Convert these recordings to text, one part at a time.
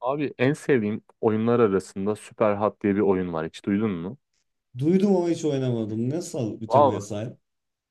Abi en sevdiğim oyunlar arasında Superhot diye bir oyun var. Hiç duydun mu? Duydum ama hiç oynamadım. Nasıl bir temaya Vallahi sahip?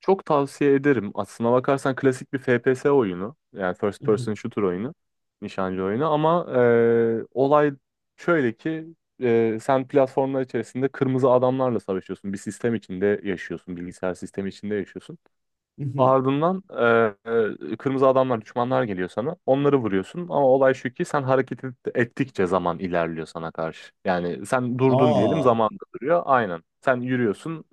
çok tavsiye ederim. Aslına bakarsan klasik bir FPS oyunu. Yani first person shooter oyunu. Nişancı oyunu ama olay şöyle ki, sen platformlar içerisinde kırmızı adamlarla savaşıyorsun. Bir sistem içinde yaşıyorsun. Bilgisayar sistemi içinde yaşıyorsun. Ardından kırmızı adamlar, düşmanlar geliyor sana. Onları vuruyorsun ama olay şu ki sen ettikçe zaman ilerliyor sana karşı. Yani sen durdun diyelim, Aa. zaman da duruyor. Aynen. Sen yürüyorsun,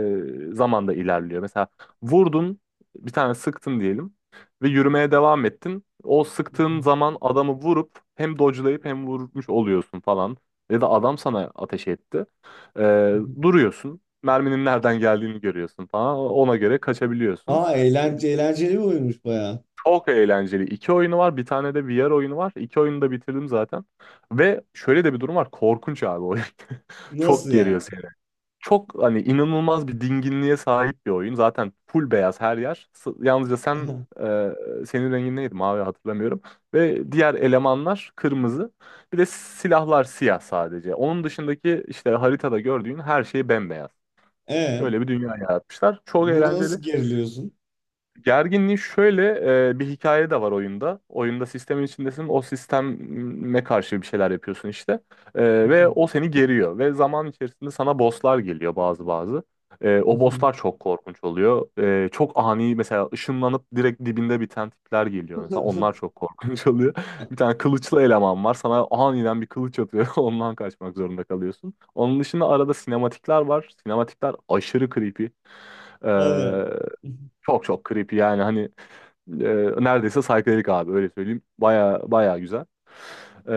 zaman da ilerliyor. Mesela vurdun, bir tane sıktın diyelim ve yürümeye devam ettin. O sıktığın zaman adamı vurup hem dodge'layıp hem vurmuş oluyorsun falan. Ya da adam sana ateş etti. E, Duruyorsun. Merminin nereden geldiğini görüyorsun falan. Ona göre kaçabiliyorsun. Aa eğlenceli, eğlenceli bir oyunmuş baya. Çok eğlenceli. İki oyunu var. Bir tane de VR oyunu var. İki oyunu da bitirdim zaten. Ve şöyle de bir durum var. Korkunç abi oyun. Nasıl Çok geriyor yani? seni. Çok hani inanılmaz bir dinginliğe sahip bir oyun. Zaten full beyaz her yer. Yalnızca sen, e, senin rengin neydi? Mavi, hatırlamıyorum. Ve diğer elemanlar kırmızı. Bir de silahlar siyah sadece. Onun dışındaki işte haritada gördüğün her şey bembeyaz. E Öyle bir dünya yaratmışlar. Çok burada eğlenceli. nasıl geriliyorsun? Gerginliği şöyle, bir hikaye de var oyunda. Oyunda sistemin içindesin. O sisteme karşı bir şeyler yapıyorsun işte. Ve o seni geriyor. Ve zaman içerisinde sana bosslar geliyor bazı bazı. O bosslar çok korkunç oluyor. Çok ani mesela, ışınlanıp direkt dibinde biten tipler geliyor. Mesela onlar çok korkunç oluyor. Bir tane kılıçlı eleman var. Sana aniden bir kılıç atıyor. Ondan kaçmak zorunda kalıyorsun. Onun dışında arada sinematikler var. Sinematikler aşırı creepy. Hadi ya. Çok çok creepy yani hani, neredeyse psychedelic abi, öyle söyleyeyim. Baya baya güzel. E,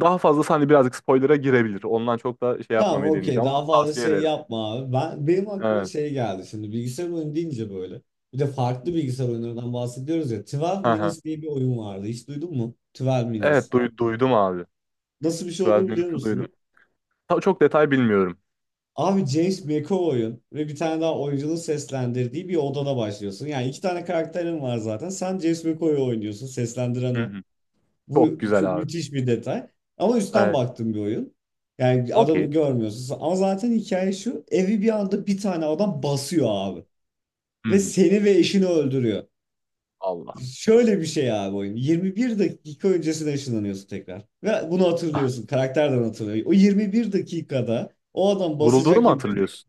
Daha fazlası hani birazcık spoiler'a girebilir. Ondan çok da şey Tamam, yapmamaya okey, deneyeceğim ama daha fazla tavsiye şey ederim. yapma abi. Benim aklıma Evet. şey geldi şimdi, bilgisayar oyunu deyince böyle. Bir de farklı bilgisayar oyunlarından bahsediyoruz ya. 12 Hı hı. Minutes diye bir oyun vardı. Hiç duydun mu? 12 Minutes. Evet duydum abi. Nasıl bir şey 12 olduğunu biliyor Minutes'ı musun? duydum. Çok detay bilmiyorum. Abi, James McAvoy'un ve bir tane daha oyuncunun seslendirdiği bir odada başlıyorsun. Yani iki tane karakterin var zaten. Sen James McAvoy'u oynuyorsun. Seslendiren Hı o. hı. Çok Bu şu güzel abi. müthiş bir detay. Ama üstten Evet. baktığım bir oyun. Yani adamı Okey. görmüyorsun. Ama zaten hikaye şu: evi bir anda bir tane adam basıyor abi. Hı Ve hı. seni ve eşini öldürüyor. Allah. Şöyle bir şey abi oyun. 21 dakika öncesine ışınlanıyorsun tekrar. Ve bunu hatırlıyorsun. Karakterden hatırlıyor. O 21 dakikada o adam Vurulduğunu basacak mu gibi. hatırlıyorsun?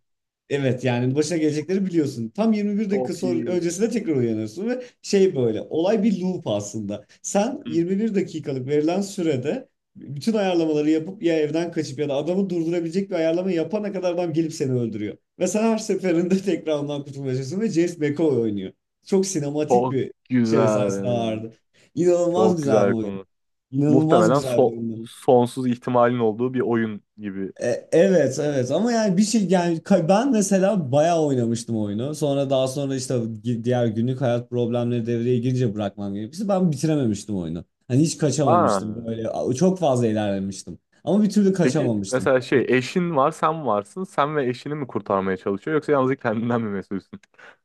Evet, yani başına gelecekleri biliyorsun. Tam 21 dakika Çok sonra, iyi. öncesinde tekrar uyanıyorsun ve şey, böyle olay bir loop aslında. Sen Hı. 21 dakikalık verilen sürede bütün ayarlamaları yapıp ya evden kaçıp ya da adamı durdurabilecek bir ayarlama yapana kadar adam gelip seni öldürüyor. Ve sen her seferinde tekrar ondan kurtulmaya çalışıyorsun ve James McAvoy oynuyor. Çok sinematik Çok bir şey sayesinde güzel. ağırdı. İnanılmaz Çok güzel bir güzel oyun. konu. İnanılmaz Muhtemelen güzel bir oyun. sonsuz ihtimalin olduğu bir oyun gibi. Evet evet, ama yani bir şey, yani ben mesela bayağı oynamıştım oyunu. Sonra, daha sonra işte diğer günlük hayat problemleri devreye girince bırakmam gerekmişti. Ben bitirememiştim oyunu. Hani hiç Aa. kaçamamıştım, böyle çok fazla ilerlemiştim. Ama bir türlü Peki kaçamamıştım. mesela şey, eşin var, sen varsın. Sen ve eşini mi kurtarmaya çalışıyor, yoksa yalnızca kendinden mi mesulsün?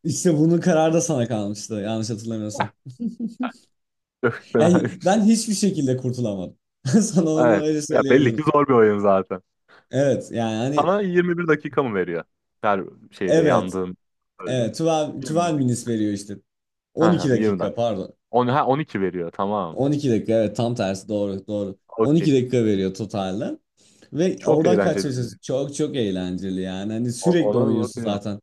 İşte bunun kararı da sana kalmıştı, yanlış hatırlamıyorsam. Çok Yani fenaymış. ben hiçbir şekilde kurtulamadım. Sana onu Evet. öyle Ya belli söyleyebilirim. ki zor bir oyun zaten. Evet, yani hani Sana 21 dakika mı veriyor? Her şeyde evet yandığın öldün. evet, 12, 12 21 minutes dakika. veriyor işte. 12 Ha, 20 dakika dakika. pardon. On, ha, 12 veriyor, tamam. 12 dakika, evet, tam tersi, doğru doğru. Okey. 12 dakika veriyor totalde. Ve Çok oradan kaç. eğlenceli bir oyun. Çok çok eğlenceli yani. Hani sürekli Ona oynuyorsun bakacağım. zaten.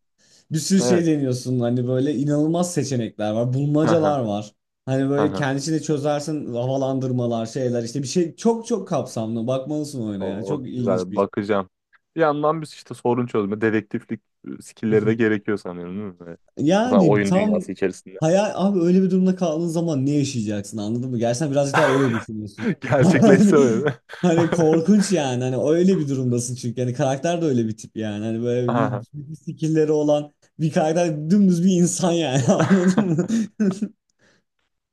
Bir sürü şey Evet. deniyorsun. Hani böyle inanılmaz seçenekler var. Aha, Bulmacalar var. Hani böyle aha. kendisini çözersin, havalandırmalar, şeyler, işte bir şey çok çok kapsamlı. Bakmalısın oyuna ya. O Çok ilginç bir güzel, iş. bakacağım. Bir yandan biz işte sorun çözme, dedektiflik, skillleri de gerekiyor sanıyorum, değil mi? Böyle. Mesela Yani oyun tam dünyası içerisinde. hayal abi, öyle bir durumda kaldığın zaman ne yaşayacaksın, anladın mı? Gerçekten birazcık daha öyle düşünüyorsun. Gerçekleşse öyle. Hani korkunç yani, hani öyle bir durumdasın çünkü hani karakter de öyle bir tip yani, hani böyle bir- Aha. bir bir skillleri olan bir karakter, dümdüz bir insan yani, anladın mı?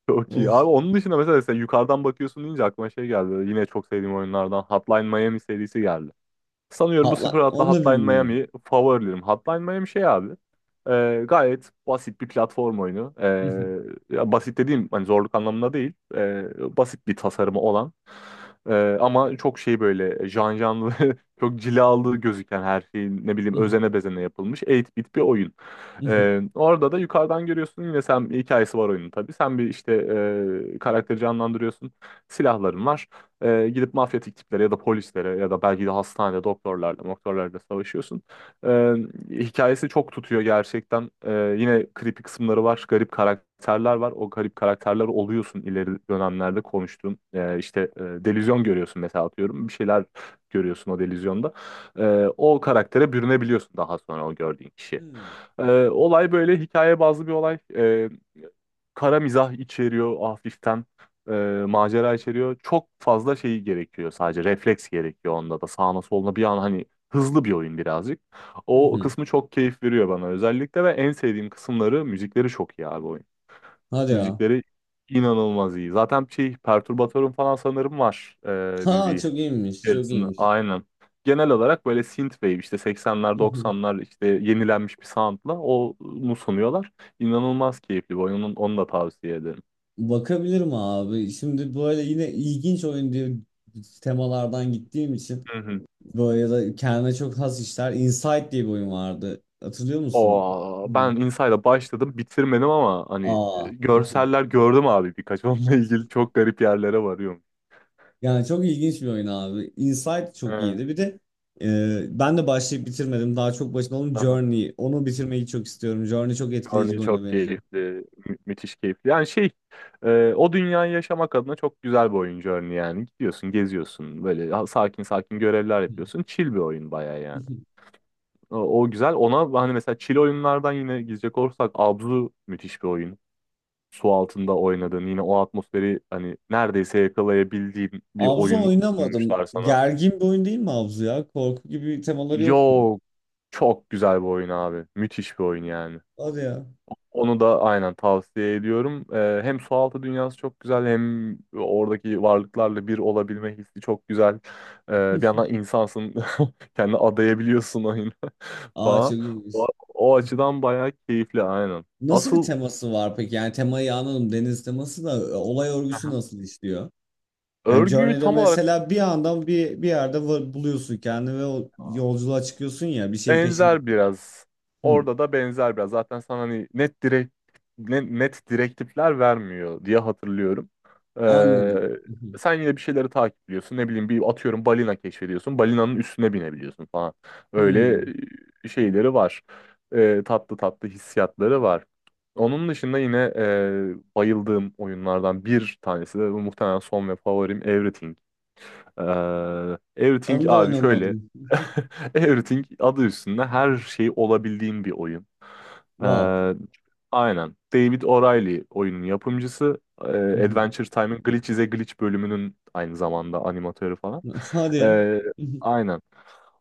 Çok iyi. Of. Abi onun dışında, mesela sen yukarıdan bakıyorsun deyince aklıma şey geldi. Yine çok sevdiğim oyunlardan Hotline Miami serisi geldi. Sanıyorum bu Atla Sprat'la onu da Hotline bilmiyorum. Miami favorilerim. Hotline Miami şey abi, gayet basit bir platform oyunu. Ya basit dediğim hani zorluk anlamında değil. Basit bir tasarımı olan. Ama çok şey, böyle can canlı, çok cilalı gözüken, her şeyin ne bileyim özene bezene yapılmış 8-bit bir oyun. Orada da yukarıdan görüyorsun yine, sen hikayesi var oyunun tabii. Sen bir işte, karakteri canlandırıyorsun. Silahların var. Gidip mafyatik tiplere ya da polislere ya da belki de hastanede doktorlarla savaşıyorsun. E, Hikayesi çok tutuyor gerçekten. Yine creepy kısımları var, garip karakterler var. O garip karakterler oluyorsun ileri dönemlerde, konuştuğum. E, işte e, delüzyon görüyorsun mesela, atıyorum. Bir şeyler görüyorsun o delüzyonda. O karaktere bürünebiliyorsun daha sonra, o gördüğün kişi. Olay böyle hikaye bazlı bir olay. Kara mizah içeriyor hafiften. e, Macera içeriyor. Çok fazla şeyi gerekiyor sadece. Refleks gerekiyor onda da. Sağına soluna bir an hani, hızlı bir oyun birazcık. O kısmı çok keyif veriyor bana özellikle, ve en sevdiğim kısımları müzikleri, çok iyi abi oyun. Hadi ya. Müzikleri inanılmaz iyi. Zaten şey, perturbatörüm falan sanırım var, Ha, müziği çok iyiymiş, çok içerisinde. iyiymiş. Aynen. Genel olarak böyle synthwave, işte 80'ler 90'lar işte, yenilenmiş bir soundla onu sunuyorlar. İnanılmaz keyifli bir oyunun, onu da tavsiye ederim. Bakabilirim abi. Şimdi böyle yine ilginç oyun diye temalardan gittiğim için, Hı hı. böyle ya da kendine çok has işler. Inside diye bir oyun vardı. Hatırlıyor musun? Aa, Hmm. ben Inside'a başladım, bitirmedim, ama hani, Aa. görseller gördüm abi birkaç, onunla ilgili çok garip yerlere varıyorum. Yani çok ilginç bir oyun abi. Inside çok Evet. iyiydi. Bir de ben de başlayıp bitirmedim. Daha çok başında olan Aha. Journey. Onu bitirmeyi çok istiyorum. Journey çok etkileyici Journey bir oyuna çok benziyor. keyifli, müthiş keyifli. Yani şey, o dünyayı yaşamak adına çok güzel bir oyun Journey yani. Gidiyorsun, geziyorsun, böyle, sakin sakin görevler Hmm. yapıyorsun. Chill bir oyun bayağı yani. O, O güzel. Ona hani mesela, chill oyunlardan yine gidecek olursak, Abzu müthiş bir oyun. Su altında oynadığın, yine o atmosferi hani neredeyse yakalayabildiğin bir Abzu oyun oynamadım. sunmuşlar sana. Gergin bir oyun değil mi Abzu ya? Korku gibi temaları yok mu? Yok, çok güzel bir oyun abi. Müthiş bir oyun yani. Hadi ya. Onu da aynen tavsiye ediyorum. Hem sualtı dünyası çok güzel, hem oradaki varlıklarla bir olabilme hissi çok güzel. Ee, bir yandan insansın, kendini adayabiliyorsun oyuna Aa, falan. çok iyiymiş. O, O açıdan bayağı keyifli, aynen. Nasıl bir Asıl, teması var peki? Yani temayı anladım. Deniz teması da, olay örgüsü aha, nasıl işliyor? Yani örgüyü Journey'de tam olarak mesela bir anda bir yerde buluyorsun kendini ve o yolculuğa çıkıyorsun ya, bir şeyin peşinde. benzer biraz. Hı, Orada da benzer biraz. Zaten sana hani net direkt, net direktifler vermiyor diye hatırlıyorum. anladım. Hı, Sen yine bir şeyleri takipliyorsun. Ne bileyim, bir atıyorum, balina keşfediyorsun. Balinanın üstüne binebiliyorsun falan. Öyle hı. Şeyleri var. Tatlı tatlı hissiyatları var. Onun dışında yine, bayıldığım oyunlardan bir tanesi de bu, muhtemelen son ve favorim, Everything. Ee, Everything Onu da abi şöyle. oynamadım. Everything, adı üstünde, her şey olabildiğin bir oyun. Wow. Ee, aynen. David O'Reilly oyunun yapımcısı. Hı hı. Adventure Time'ın Glitch is a Glitch bölümünün aynı zamanda animatörü falan. Hadi ya. Ee, aynen.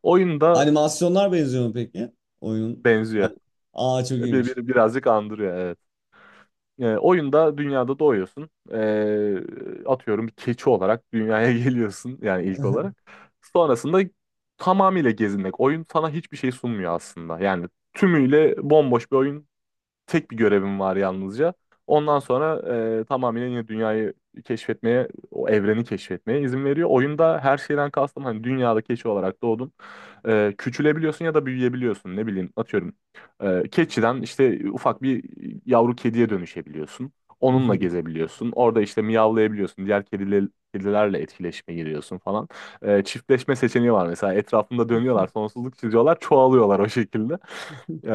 Oyun da Animasyonlar benziyor mu peki? Oyunun. benziyor. Aa, çok iyiymiş. Birazcık andırıyor, evet. Oyunda dünyada doğuyorsun. Atıyorum, bir keçi olarak dünyaya geliyorsun yani ilk olarak. Sonrasında tamamıyla gezinmek. Oyun sana hiçbir şey sunmuyor aslında. Yani tümüyle bomboş bir oyun. Tek bir görevim var yalnızca. Ondan sonra tamamen yine dünyayı keşfetmeye, o evreni keşfetmeye izin veriyor. Oyunda her şeyden kastım hani, dünyada keçi olarak doğdun. Küçülebiliyorsun ya da büyüyebiliyorsun. Ne bileyim, atıyorum. Keçiden işte ufak bir yavru kediye dönüşebiliyorsun. Onunla gezebiliyorsun. Orada işte miyavlayabiliyorsun. Diğer kedilerle etkileşime giriyorsun falan. Çiftleşme seçeneği var mesela. Etrafında dönüyorlar, sonsuzluk çiziyorlar, çoğalıyorlar o şekilde. Ee,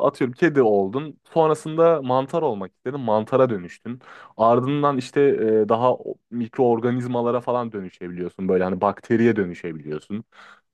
Atıyorum, kedi oldun. Sonrasında mantar olmak istedin. Mantara dönüştün. Ardından işte, mikroorganizmalara falan dönüşebiliyorsun. Böyle hani, bakteriye dönüşebiliyorsun.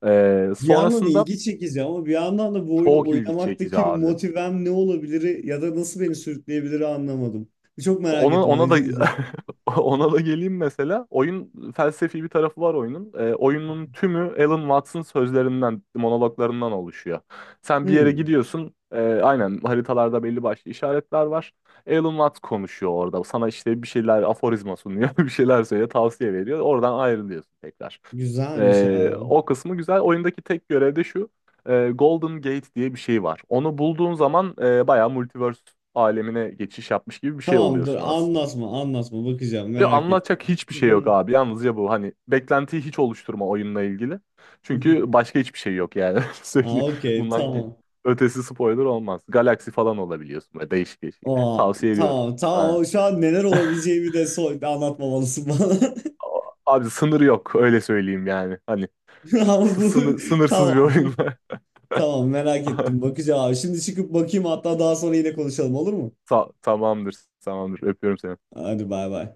Bir yandan Sonrasında ilgi çekici ama bir yandan da, bu oyunu çok ilgi çekici oynamaktaki abi. motivem ne olabilir ya da nasıl beni sürükleyebilir, anlamadım. Çok merak Ona ettim ama ona da izleyeceğim. ona da geleyim mesela. Oyun, felsefi bir tarafı var oyunun. Oyunun tümü Alan Watts'ın sözlerinden, monologlarından oluşuyor. Sen bir yere Hmm, gidiyorsun. Aynen, haritalarda belli başlı işaretler var. Alan Watts konuşuyor orada. Sana işte bir şeyler aforizma sunuyor, bir şeyler söylüyor, tavsiye veriyor. Oradan ayrılıyorsun tekrar. güzelmiş abi. O kısmı güzel. Oyundaki tek görev de şu, Golden Gate diye bir şey var. Onu bulduğun zaman bayağı multiverse alemine geçiş yapmış gibi bir şey Tamam, dur, oluyorsun aslında. anlatma anlatma, bakacağım, Ve merak anlatacak ettim. hiçbir şey yok abi. Yalnızca bu, hani beklentiyi hiç oluşturma oyunla ilgili. Çünkü başka hiçbir şey yok yani. Öyle Aa, söyleyeyim. okey, Bundan ki- tamam. Ötesi spoiler olmaz. Galaksi falan olabiliyorsun böyle, değişik değişik. Aa, Tavsiye ediyorum. tamam Aynen. tamam, şu an neler olabileceğimi de so anlatmamalısın bana. Abi sınır yok, öyle söyleyeyim yani. Hani Ama bu sınırsız bir tamam. oyun. Tamam, merak ettim, bakacağım abi. Şimdi çıkıp bakayım hatta, daha sonra yine konuşalım, olur mu? Tamamdır. Tamamdır. Öpüyorum seni. Hadi, bay bay.